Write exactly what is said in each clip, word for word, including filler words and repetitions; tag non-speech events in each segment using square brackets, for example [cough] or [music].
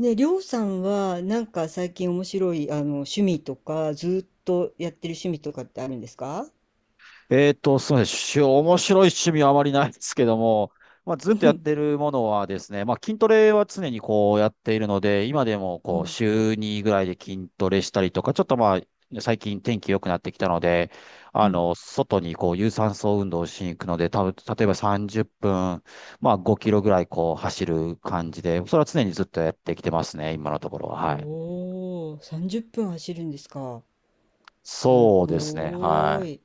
ね、りょうさんはなんか最近面白いあの趣味とかずーっとやってる趣味とかってあるんですか？えーと、すみません。し面白い趣味はあまりないですけども、まあ、ずうっとやっん。 てるものはですね、まあ、筋トレは常にこうやっているので、今でも [laughs] こうお週にぐらいで筋トレしたりとか、ちょっとまあ、最近天気良くなってきたので、あうん。の、外にこう有酸素運動をしに行くので、多分例えばさんじゅっぷん、まあごキロぐらいこう走る感じで、それは常にずっとやってきてますね、今のところは。おはい。お、さんじゅっぷん走るんですか？すそうですね。ごはーい。い。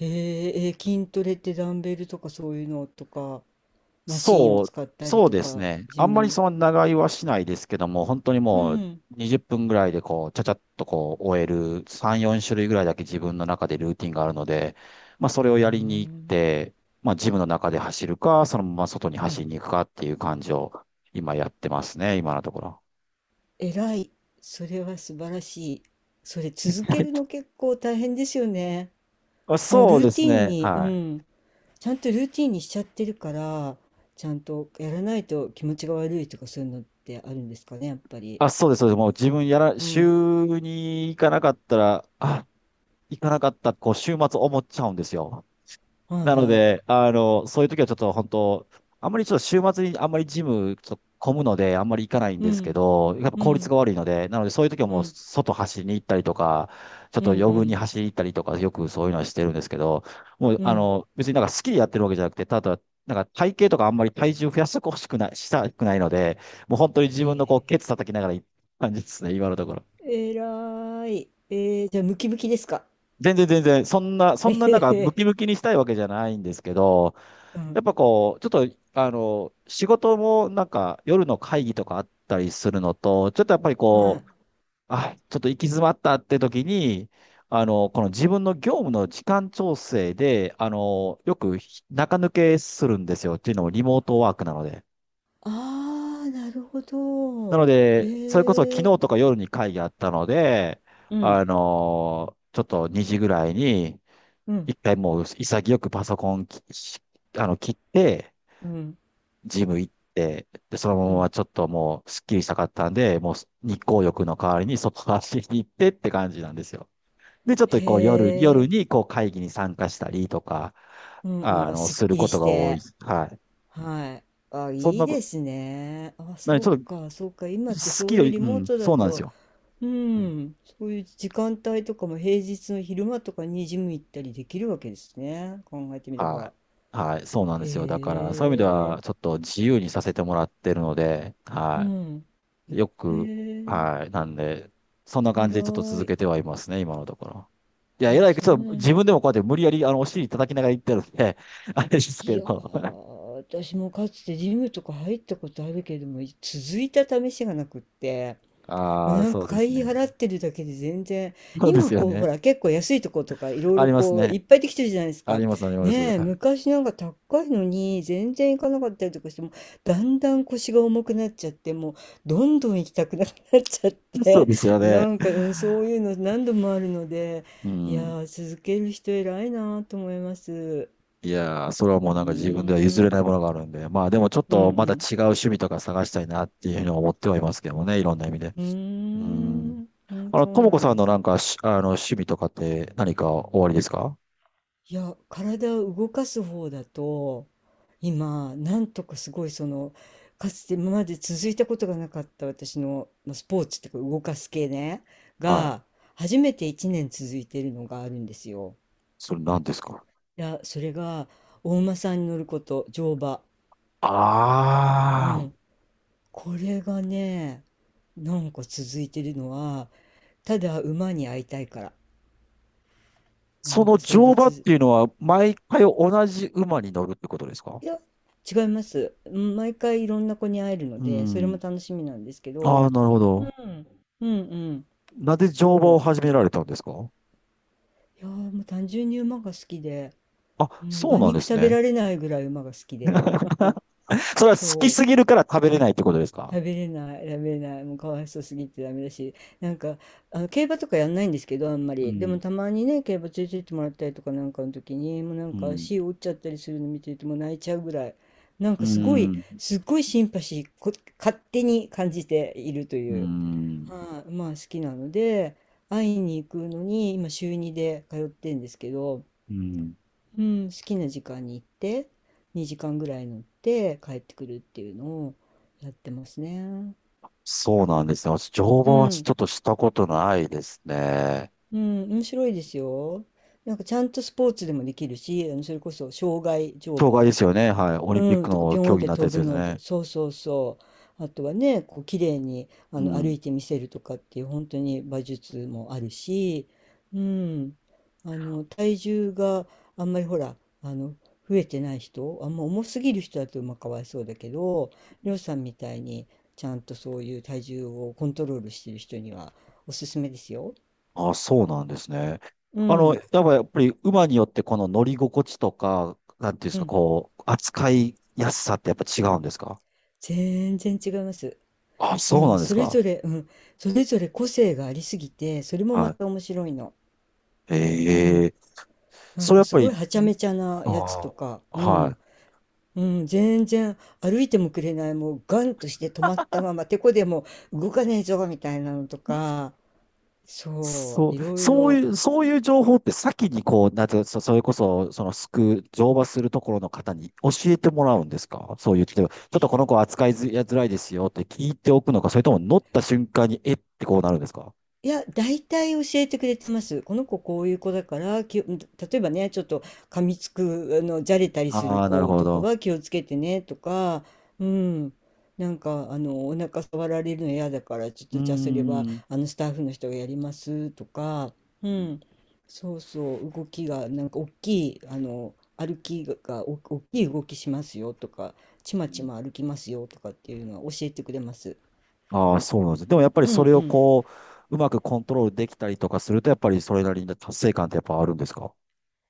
へーえー、筋トレってダンベルとかそういうのとか、マシーンをそう、使ったりそうとですか、ね。ジあんムまりに。その長居はしないですけども、本当にうもうん。にじゅっぷんぐらいでこう、ちゃちゃっとこう、終えるさん、よん種類ぐらいだけ自分の中でルーティンがあるので、まあそうーれをやりに行っん。て、まあジムの中で走るか、そのまま外にう走ん。りに行くかっていう感じを今やってますね、今のところ。えらい。それは素晴らしい。それ続ける [laughs] の結構大変ですよね。あ、もうそルうーでテすィンね。に、うはい。ん、ちゃんとルーティンにしちゃってるから、ちゃんとやらないと気持ちが悪いとかそういうのってあるんですかね、やっぱり。あ、そうです、そうです。もう自分やら、うん。週に行かなかったら、あ、行かなかった、こう、週末思っちゃうんですよ。はないのはで、い。あの、そういう時はちょっと本当、あんまりちょっと週末にあんまりジムちょっと混むので、あんまり行かないんうですけん。ど、やっぱう効率ん。が悪いので、なのでそういう時はうもうん。外走りに行ったりとか、ちょっうん。とう余分にん。走りに行ったりとか、よくそういうのはしてるんですけど、もううあん。の、別になんか好きでやってるわけじゃなくて、ただ、なんか体型とかあんまり体重増やしてほしくない、したくないので、もう本当に自分ねのこう、ケツ叩きながら行った感じですね、今のところ。え。えらい。えー、じゃあムキムキですか？全然全然、そんな、そえんななへんかムへ。キムキにしたいわけじゃないんですけど、うやん。っぱこう、ちょっと、あの、仕事もなんか夜の会議とかあったりするのと、ちょっとやっぱりはこい。う、あ、ちょっと行き詰まったって時に、あの、この自分の業務の時間調整で、あの、よく中抜けするんですよ。っていうのもリモートワークなので。ああ、なるほなのど。で、それこそ昨へえ。日とか夜に会議あったので、うん。あの、ちょっとにじぐらいに、うん。一回もう潔くパソコンき、あの、切って、うん。ジム行って、で、そのうままん。ちょっともう、すっきりしたかったんで、もう日光浴の代わりに外走りに行ってって感じなんですよ。で、ちょっへとこう夜、夜え。にこう会議に参加したりとか、うんうん。ああ、の、すっするきりことしが多いて。です。はい。はい。あ、そんいいな、ですね。あ、なにそうちょっと、か、そうか。今って好そきうよいうり、リうモーん、トだそうなんですと、よ。ううんん、そういう時間帯とかも平日の昼間とかにジム行ったりできるわけですね。考えてみれはば。い。はい、そうなんですよ。だから、へそういう意味では、え、ちょっと自由にさせてもらってるので、うはん。い。よへく、え、はい。なんで、そんな感じでちょっと偉続けい。てはいますね、今のところ。いや、えあ、らい、ちそうょっとなん自だ。分でもこうやって無理やり、あの、お尻叩きながら言ってるんで、[laughs] あれですいけやー、ど。私もかつてジムとか入ったことあるけれども、続いた試しがなくって。ああ、なんそうかです会ね。費払ってるだけで全然、そうで今すよこう、ね。ほら、結構安いとことかいろいあろりますこう、いね。っぱいできてるじゃないですあか。ります、あります。はいねえ、昔なんか高いのに全然行かなかったりとかしても、だんだん腰が重くなっちゃって、もう、どんどん行きたくなくなっちゃっそうて、です [laughs] よなね。んか、うん、そういうの何度もあるので、ういやん。ー、続ける人偉いなと思います。いやー、それはもううなんか自分では譲ーれなん、いものがあるんで、まあでもちょっうんうとまたん。違う趣味とか探したいなっていうふうに思ってはいますけどもね、いろんな意味で。うーうん。ん、うん、あの、そとうもなこんさんでのすなんね。かし、あの、趣味とかって何かおありですか。いや、体を動かす方だと、今、なんとかすごいその、かつて今まで続いたことがなかった私の、まあ、スポーツっていうか動かす系ね、はが、い。初めていちねん続いてるのがあるんですよ。それ何ですか。いや、それが、お馬さんに乗ること、乗馬。あうあん。ー。これがね、なんか続いてるのは、ただ馬に会いたいから。なそんのかそれ乗で馬っつていうのは、毎回同じ馬に乗るってことですか。いや、違います。うん、毎回いろんな子に会えるのうで、それもん。楽しみなんですけあど、あ、なるほうど。ん。うんうん、なぜ乗馬そをう。始められたんですか。いやーもう単純に馬が好きで、あ、うん、そう馬なん肉です食べね。られないぐらい馬が好きで [laughs] そ [laughs]。れは好きそすぎう。るから食べれないってことですか。食べれない、食べれない、もうかわいそうすぎてダメだし、なんか、あの、競馬とかやんないんですけど、あんまうり。でん、もたまにね、競馬連れてってもらったりとかなんかの時に、もうなんうかん、足折っちゃったりするの見てるともう泣いちゃうぐらい、なんうかすごい、ん、すっごいシンパシー、こ、勝手に感じているとういう、ん、はい、まあ好きなので、会いに行くのに、今週にで通ってんですけど、うん。うん、好きな時間に行って、にじかんぐらい乗って帰ってくるっていうのをやってますね。そうなんですね。私、乗う馬はちん、ょっとしたことないですね。うん、面白いですよ。なんかちゃんとスポーツでもできるし、あのそれこそ障害乗障害で馬、すよね。はい。オリンピッうん、クとかピのョーン競っ技にてなった飛やつぶですのと、ね。そうそうそう。あとはね、こう綺麗にあうの歩ん。いてみせるとかっていう本当に馬術もあるし、うん、あの体重があんまりほら、あの増えてない人、あんま重すぎる人だとまあかわいそうだけど、りょうさんみたいにちゃんとそういう体重をコントロールしてる人にはおすすめですよ。あ、そうなんですね。うあの、やん、っぱやっぱり馬によってこの乗り心地とか、なんていうんでうすか、ん、こう、扱いやすさってやっぱ違うんですか。全然違います。あ、そうもなうんでそすれか。ぞれ、うん、それぞれ個性がありすぎて、それもはまい。た面白いの。うえん、え。なんそれかやっすぱごいり、はちゃめちゃなやつとあか、あ、うはん、い。うん、全然歩いてもくれない、もうガンとして止まったまま、てこでも動かねえぞみたいなのとか、そそう、う、いろいそうろ。いう、そういう情報って先にこう、なんていうか、そそれこそ、その、すく、乗馬するところの方に教えてもらうんですか。そういう、例えば、ちょっとこの子扱いづやづらいですよって聞いておくのか、それとも乗った瞬間に、えってこうなるんですか。いや、大体教えてくれてます。この子こういう子だから、きを例えばね、ちょっと噛みつく、あの、じゃれたりすあるあー、なる子ほとかど。は気をつけてねとか、うん、なんか、あの、お腹触られるの嫌だから、ちょっうーとじゃあそれは、ん。あの、スタッフの人がやりますとか、うん、うそうそう、動きが、なんか大きい、あの、歩きが、お大きい動きしますよとか、ちまちまん。歩きますよとかっていうのは教えてくれます。ああ、そうなんですね。でもやっぱりうそんれうをん。こう、うまくコントロールできたりとかすると、やっぱりそれなりの達成感ってやっぱあるんですか。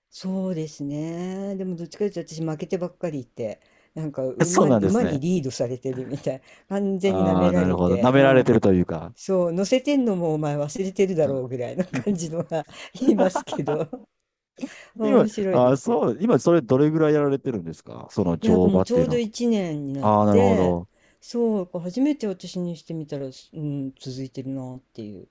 そうですね。でもどっちかというと私負けてばっかりいて、なんか [laughs] そう馬なんに、です馬にね。リードされてるみたい。[laughs] 完全に舐あめあ、らなるれほど。舐て、めうられてん。るというか。そう、乗せてんのもお前忘れてるだうろん。 うぐらいの感じ [laughs] のが [laughs] いますけど、[laughs] 今、面白いあでー、すよ。そう、今それどれぐらいやられてるんですかそのいや、なん乗かも馬うっちてょいううのどは。いちねんになっああ、なるほて、ど。そう、初めて私にしてみたら、うん、続いてるなっていう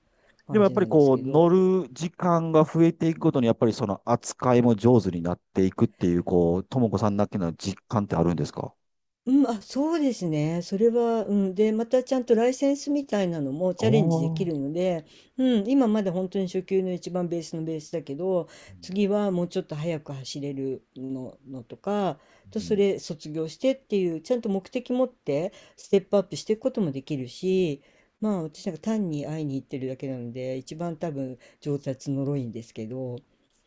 でも感やっじぱなりんですこう、けど、乗る時間が増えていくごとに、やっぱりその扱いも上手になっていくっていう、こう、ともこさんだけの実感ってあるんですか。うん、あ、そうですね。それは、うん。で、またちゃんとライセンスみたいなのもチャレンジでおきるー。ので、うん、今まで本当に初級の一番ベースのベースだけど、次はもうちょっと速く走れるの、のとか、うと、そん。れ卒業してっていう、ちゃんと目的持ってステップアップしていくこともできるし、まあ私なんか単に会いに行ってるだけなので、一番多分上達のろいんですけど、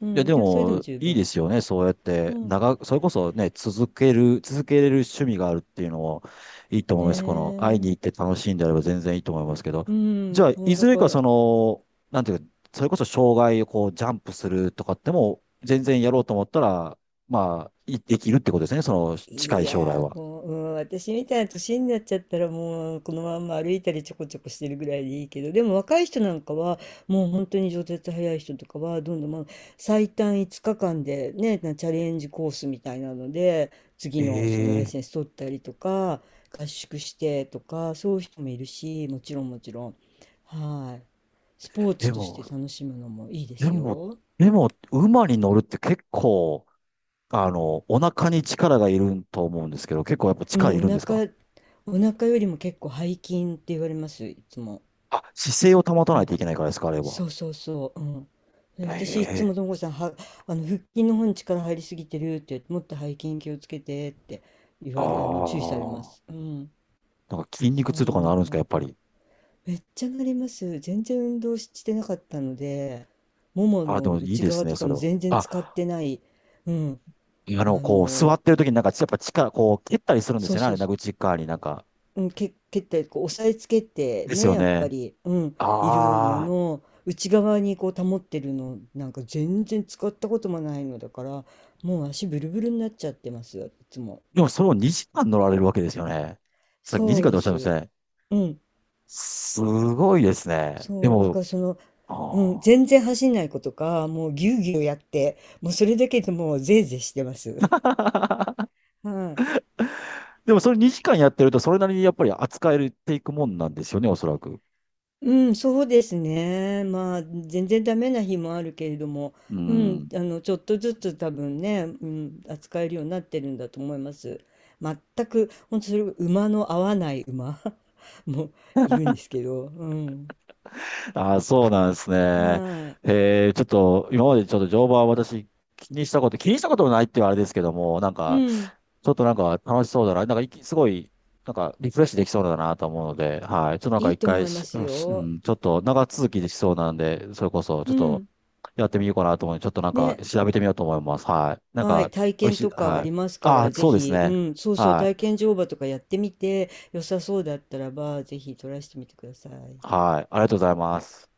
ういや、ん、ででもそれでもも、十いいで分。すよね。そうやっうて、ん、長く、それこそね、続ける、続けれる趣味があるっていうのもいいと思ねいます。この、会いに行っえ。て楽しいんであれば全然いいと思いますけど。うじん、ゃあ、もいうだずれかからその、なんていうか、それこそ障害をこう、ジャンプするとかっても、全然やろうと思ったら、まあ、いできるってことですね。その、近いい将来やーは。もう、うん、私みたいな年になっちゃったらもうこのまんま歩いたりちょこちょこしてるぐらいでいいけど、でも若い人なんかはもう本当に上達早い人とかはどんどん、まあ、最短いつかかんでねなチャレンジコースみたいなので次のそのライええ。センス取ったりとか、合宿してとかそういう人もいるし、もちろんもちろん、はい、スポーでツとしても、楽しむのもいいでですも、よ。でも、馬に乗るって結構、あの、お腹に力がいると思うんですけど、結構やっぱう力ん、おいるんですか。腹お腹よりも結構背筋って言われますいつも。あ、姿勢を保たないといけないからですか、あれは。そうそうそう、うん。でへ私いつも、え。ともこさんはあの腹筋の方に力入りすぎてるって言って、もっと背筋気をつけてって言あわれあの注意されまあ。す。うん、なんか筋そ肉痛とかんななるんですか、感やじ。っぱり。めっちゃなります。全然運動してなかったので、ももあ、でのもいい内です側ね、とそかれのは。全然使っあ、てない、うん、ああの、こう、座の、ってる時になんか、やっぱ力、こう、蹴ったりするんですそうよね、あそれ、う、なんか内側になんか。うん、け、蹴ったりこう押さえつけてですねよやっぱね。り、うん、いるのああ。の内側にこう保ってるのなんか全然使ったこともないのだから、もう足ブルブルになっちゃってますよ、いつも。でもそれをにじかん乗られるわけですよね。さっきそ2う時間ででおっしゃいましす。たね。うん。すごいですね。でそう。だかも、らその、うん、あ全然走んない子とかもうぎゅうぎゅうやって、もうそれだけでもうぜいぜいしてます。あ。[laughs] はい。[laughs] でもそれにじかんやってると、それなりにやっぱり扱えるていくもんなんですよね、おそらく。うん、そうですね。まあ、全然ダメな日もあるけれども、ううん、ん。あの、ちょっとずつ多分ね、うん、扱えるようになってるんだと思います。全く、本当それ、馬の合わない馬 [laughs] もいるんですけど、うん。ああ、そうなんですね。はい。えー、ちょっと、今までちょっと乗馬は私気にしたこと、気にしたこともないって言うあれですけども、なんうか、ん、ちょっとなんか楽しそうだな、なんかいきすごい、なんかリフレッシュできそうだなと思うので、はい。ちょっとなんかいい一と思回いまし、すしうよ。ん、ちょっと長続きできそうなんで、それこそちょうっとん。やってみようかなと思うので、ちょっとなんかね、調べてみようと思います。はい。なんはい、か、体おい験しい、とかあはりい。ますかああ、ら、ぜそうですひ、うね。ん、そうそう、はい。体験乗馬とかやってみて、良さそうだったらば、ぜひトライしてみてください。はい。ありがとうございます。